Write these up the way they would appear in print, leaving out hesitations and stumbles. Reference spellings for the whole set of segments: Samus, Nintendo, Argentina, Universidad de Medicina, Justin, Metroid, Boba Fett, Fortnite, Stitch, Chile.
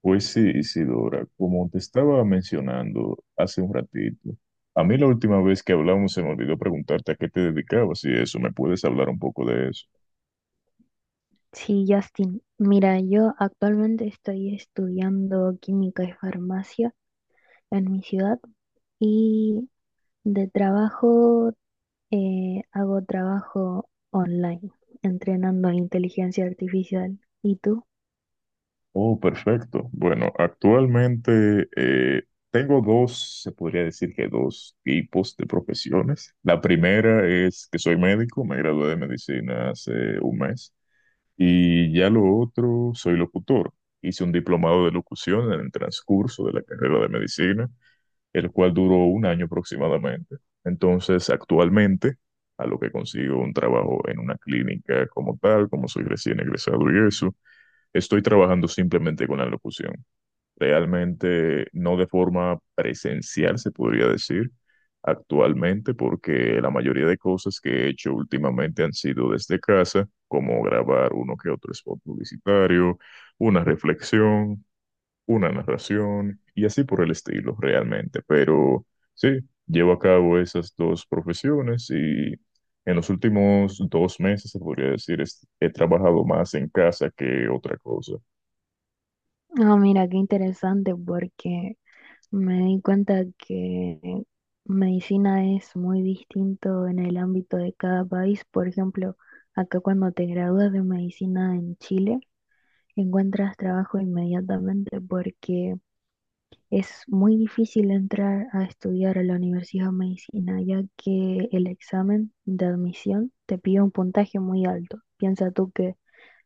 Pues sí, Isidora, como te estaba mencionando hace un ratito, a mí la última vez que hablamos se me olvidó preguntarte a qué te dedicabas y eso, ¿me puedes hablar un poco de eso? Sí, Justin, mira, yo actualmente estoy estudiando química y farmacia en mi ciudad y de trabajo hago trabajo online, entrenando inteligencia artificial. ¿Y tú? Oh, perfecto. Bueno, actualmente tengo dos, se podría decir que dos tipos de profesiones. La primera es que soy médico, me gradué de medicina hace un mes, y ya lo otro, soy locutor. Hice un diplomado de locución en el transcurso de la carrera de medicina, el cual duró un año aproximadamente. Entonces, actualmente, a lo que consigo un trabajo en una clínica como tal, como soy recién egresado y eso, estoy trabajando simplemente con la locución. Realmente no de forma presencial, se podría decir, actualmente, porque la mayoría de cosas que he hecho últimamente han sido desde casa, como grabar uno que otro spot publicitario, una reflexión, una narración y así por el estilo realmente. Pero sí, llevo a cabo esas dos profesiones y en los últimos 2 meses, se podría decir, he trabajado más en casa que otra cosa. Ah, mira, qué interesante porque me di cuenta que medicina es muy distinto en el ámbito de cada país. Por ejemplo, acá cuando te gradúas de medicina en Chile, encuentras trabajo inmediatamente porque es muy difícil entrar a estudiar a la Universidad de Medicina, ya que el examen de admisión te pide un puntaje muy alto. Piensa tú que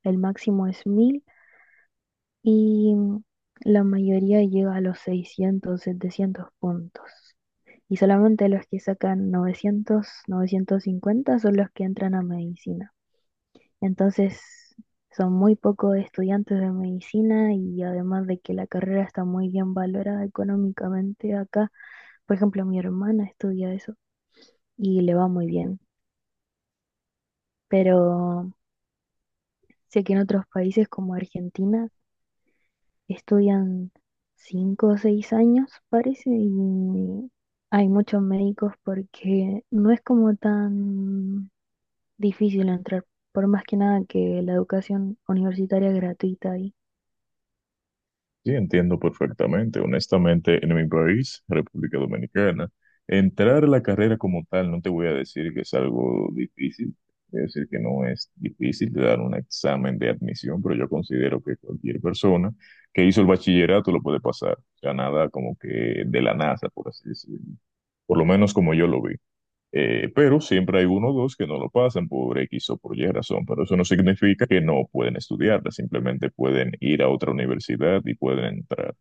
el máximo es 1.000 y la mayoría llega a los 600 700 puntos. Y solamente los que sacan novecientos cincuenta son los que entran a medicina. Entonces, son muy pocos estudiantes de medicina y además de que la carrera está muy bien valorada económicamente acá, por ejemplo, mi hermana estudia eso y le va muy bien, pero sé que en otros países como Argentina estudian 5 o 6 años, parece, y hay muchos médicos porque no es como tan difícil entrar, por más que nada que la educación universitaria es gratuita ahí. Sí, entiendo perfectamente. Honestamente, en mi país, República Dominicana, entrar a la carrera como tal, no te voy a decir que es algo difícil, voy a decir que no es difícil de dar un examen de admisión, pero yo considero que cualquier persona que hizo el bachillerato lo puede pasar. O sea, nada como que de la NASA, por así decirlo. Por lo menos como yo lo vi. Pero siempre hay uno o dos que no lo pasan por X o por Y razón, pero eso no significa que no pueden estudiarla, simplemente pueden ir a otra universidad y pueden entrar.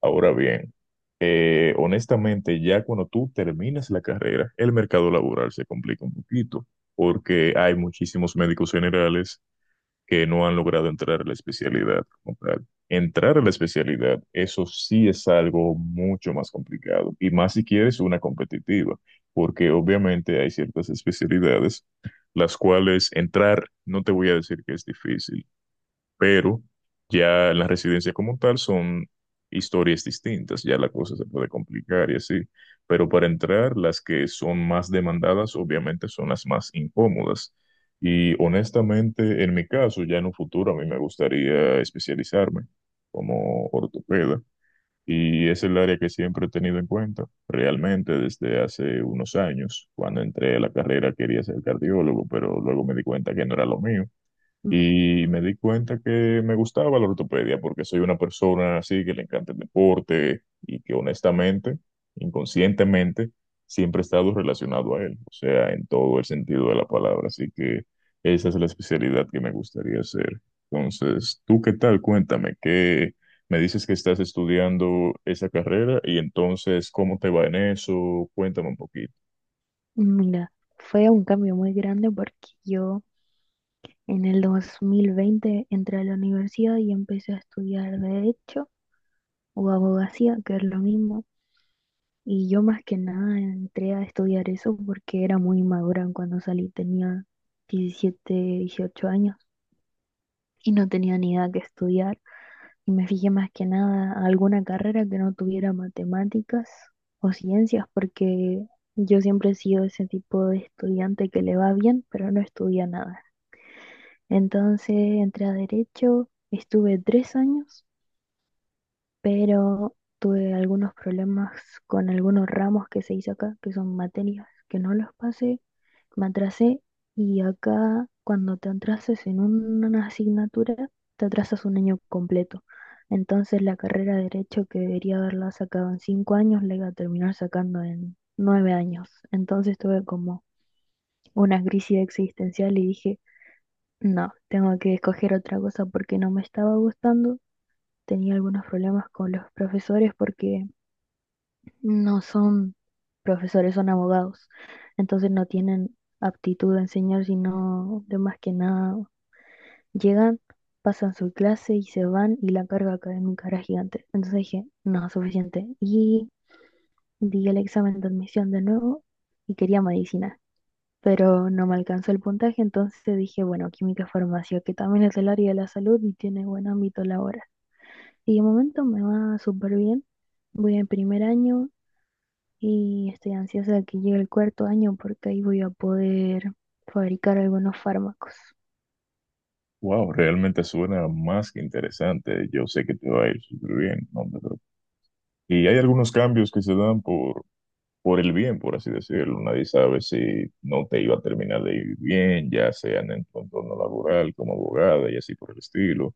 Ahora bien, honestamente, ya cuando tú terminas la carrera, el mercado laboral se complica un poquito, porque hay muchísimos médicos generales que no han logrado entrar a la especialidad como tal. Entrar a la especialidad, eso sí es algo mucho más complicado, y más si quieres una competitiva, porque obviamente hay ciertas especialidades las cuales entrar, no te voy a decir que es difícil, pero ya en la residencia como tal son historias distintas, ya la cosa se puede complicar y así, pero para entrar las que son más demandadas obviamente son las más incómodas. Y honestamente, en mi caso, ya en un futuro a mí me gustaría especializarme como ortopeda y es el área que siempre he tenido en cuenta, realmente desde hace unos años. Cuando entré a la carrera quería ser cardiólogo, pero luego me di cuenta que no era lo mío y me di cuenta que me gustaba la ortopedia porque soy una persona así que le encanta el deporte y que honestamente, inconscientemente, siempre he estado relacionado a él, o sea, en todo el sentido de la palabra. Así que esa es la especialidad que me gustaría hacer. Entonces, ¿tú qué tal? Cuéntame, ¿qué me dices que estás estudiando esa carrera y entonces cómo te va en eso? Cuéntame un poquito. Mira, fue un cambio muy grande porque yo en el 2020 entré a la universidad y empecé a estudiar derecho o abogacía, que es lo mismo. Y yo más que nada entré a estudiar eso porque era muy inmadura cuando salí, tenía 17, 18 años y no tenía ni idea que estudiar. Y me fijé más que nada a alguna carrera que no tuviera matemáticas o ciencias porque yo siempre he sido ese tipo de estudiante que le va bien, pero no estudia nada. Entonces entré a derecho, estuve 3 años, pero tuve algunos problemas con algunos ramos que se hizo acá, que son materias que no los pasé, me atrasé y acá cuando te atrasas en una asignatura, te atrasas un año completo. Entonces la carrera de derecho que debería haberla sacado en 5 años, la iba a terminar sacando en 9 años. Entonces tuve como una crisis existencial y dije, no, tengo que escoger otra cosa porque no me estaba gustando. Tenía algunos problemas con los profesores porque no son profesores, son abogados. Entonces no tienen aptitud a enseñar, sino de más que nada llegan, pasan su clase y se van y la carga académica era gigante. Entonces dije, no, suficiente. Y di el examen de admisión de nuevo y quería medicina, pero no me alcanzó el puntaje, entonces dije, bueno, química farmacia, que también es el área de la salud y tiene buen ámbito laboral. Y de momento me va súper bien, voy en primer año y estoy ansiosa de que llegue el cuarto año porque ahí voy a poder fabricar algunos fármacos. Wow, realmente suena más que interesante. Yo sé que te va a ir súper bien, no te preocupes. Y hay algunos cambios que se dan por el bien, por así decirlo. Nadie sabe si no te iba a terminar de ir bien, ya sea en el entorno laboral, como abogada y así por el estilo.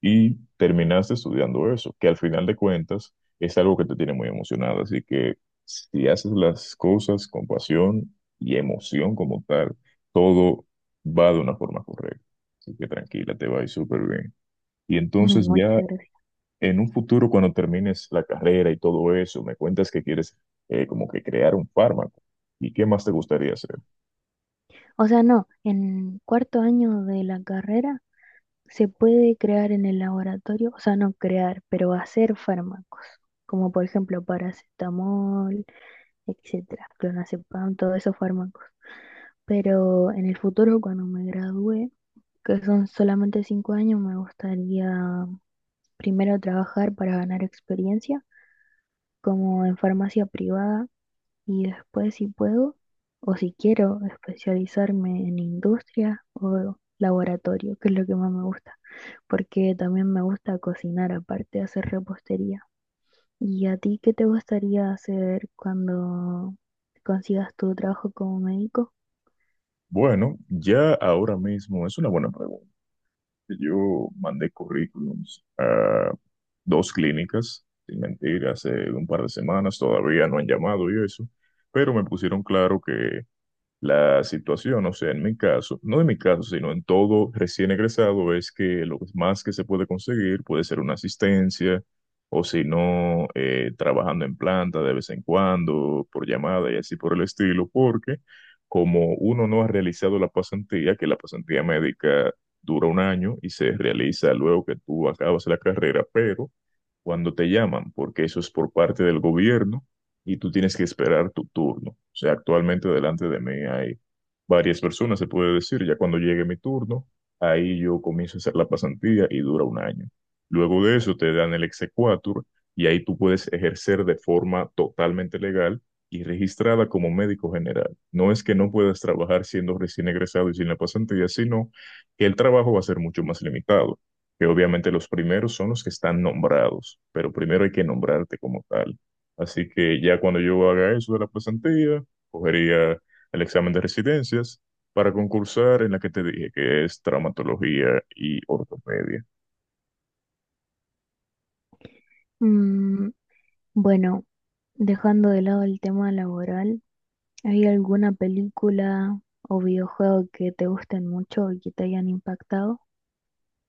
Y terminaste estudiando eso, que al final de cuentas es algo que te tiene muy emocionado. Así que si haces las cosas con pasión y emoción como tal, todo va de una forma correcta. Así que tranquila, te va a ir súper bien. Y entonces Muchas ya gracias. en un futuro, cuando termines la carrera y todo eso, me cuentas que quieres como que crear un fármaco. ¿Y qué más te gustaría hacer? O sea, no, en cuarto año de la carrera se puede crear en el laboratorio, o sea, no crear, pero hacer fármacos, como por ejemplo paracetamol, etcétera, clonazepam, todos esos fármacos. Pero en el futuro, cuando me gradué, que son solamente 5 años, me gustaría primero trabajar para ganar experiencia, como en farmacia privada, y después si puedo, o si quiero, especializarme en industria o laboratorio, que es lo que más me gusta, porque también me gusta cocinar, aparte de hacer repostería. ¿Y a ti qué te gustaría hacer cuando consigas tu trabajo como médico? Bueno, ya ahora mismo es una buena pregunta. Yo mandé currículums a dos clínicas, sin mentir, hace un par de semanas, todavía no han llamado y eso, pero me pusieron claro que la situación, o sea, en mi caso, no en mi caso, sino en todo recién egresado, es que lo más que se puede conseguir puede ser una asistencia, o si no, trabajando en planta de vez en cuando, por llamada y así por el estilo, porque como uno no ha realizado la pasantía, que la pasantía médica dura un año y se realiza luego que tú acabas la carrera, pero cuando te llaman, porque eso es por parte del gobierno, y tú tienes que esperar tu turno. O sea, actualmente delante de mí hay varias personas, se puede decir. Ya cuando llegue mi turno, ahí yo comienzo a hacer la pasantía y dura un año. Luego de eso te dan el exequatur y ahí tú puedes ejercer de forma totalmente legal y registrada como médico general. No es que no puedas trabajar siendo recién egresado y sin la pasantía, sino que el trabajo va a ser mucho más limitado, que obviamente los primeros son los que están nombrados, pero primero hay que nombrarte como tal. Así que ya cuando yo haga eso de la pasantía, cogería el examen de residencias para concursar en la que te dije, que es traumatología y ortopedia. Mm, bueno, dejando de lado el tema laboral, ¿hay alguna película o videojuego que te gusten mucho y que te hayan impactado?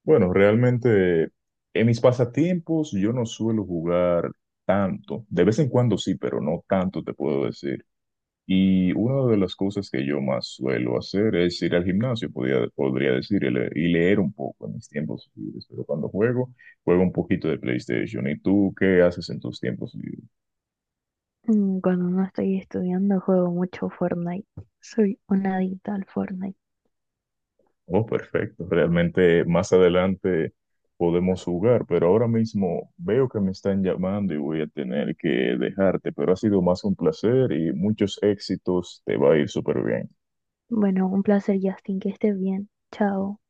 Bueno, realmente en mis pasatiempos yo no suelo jugar tanto. De vez en cuando sí, pero no tanto te puedo decir. Y una de las cosas que yo más suelo hacer es ir al gimnasio, podría decir, y y leer un poco en mis tiempos libres. Pero cuando juego, juego un poquito de PlayStation. ¿Y tú qué haces en tus tiempos libres? Cuando no estoy estudiando, juego mucho Fortnite. Soy una adicta al Fortnite. Oh, perfecto. Realmente más adelante podemos jugar, pero ahora mismo veo que me están llamando y voy a tener que dejarte, pero ha sido más un placer y muchos éxitos. Te va a ir súper bien. Bueno, un placer, Justin, que estés bien. Chao.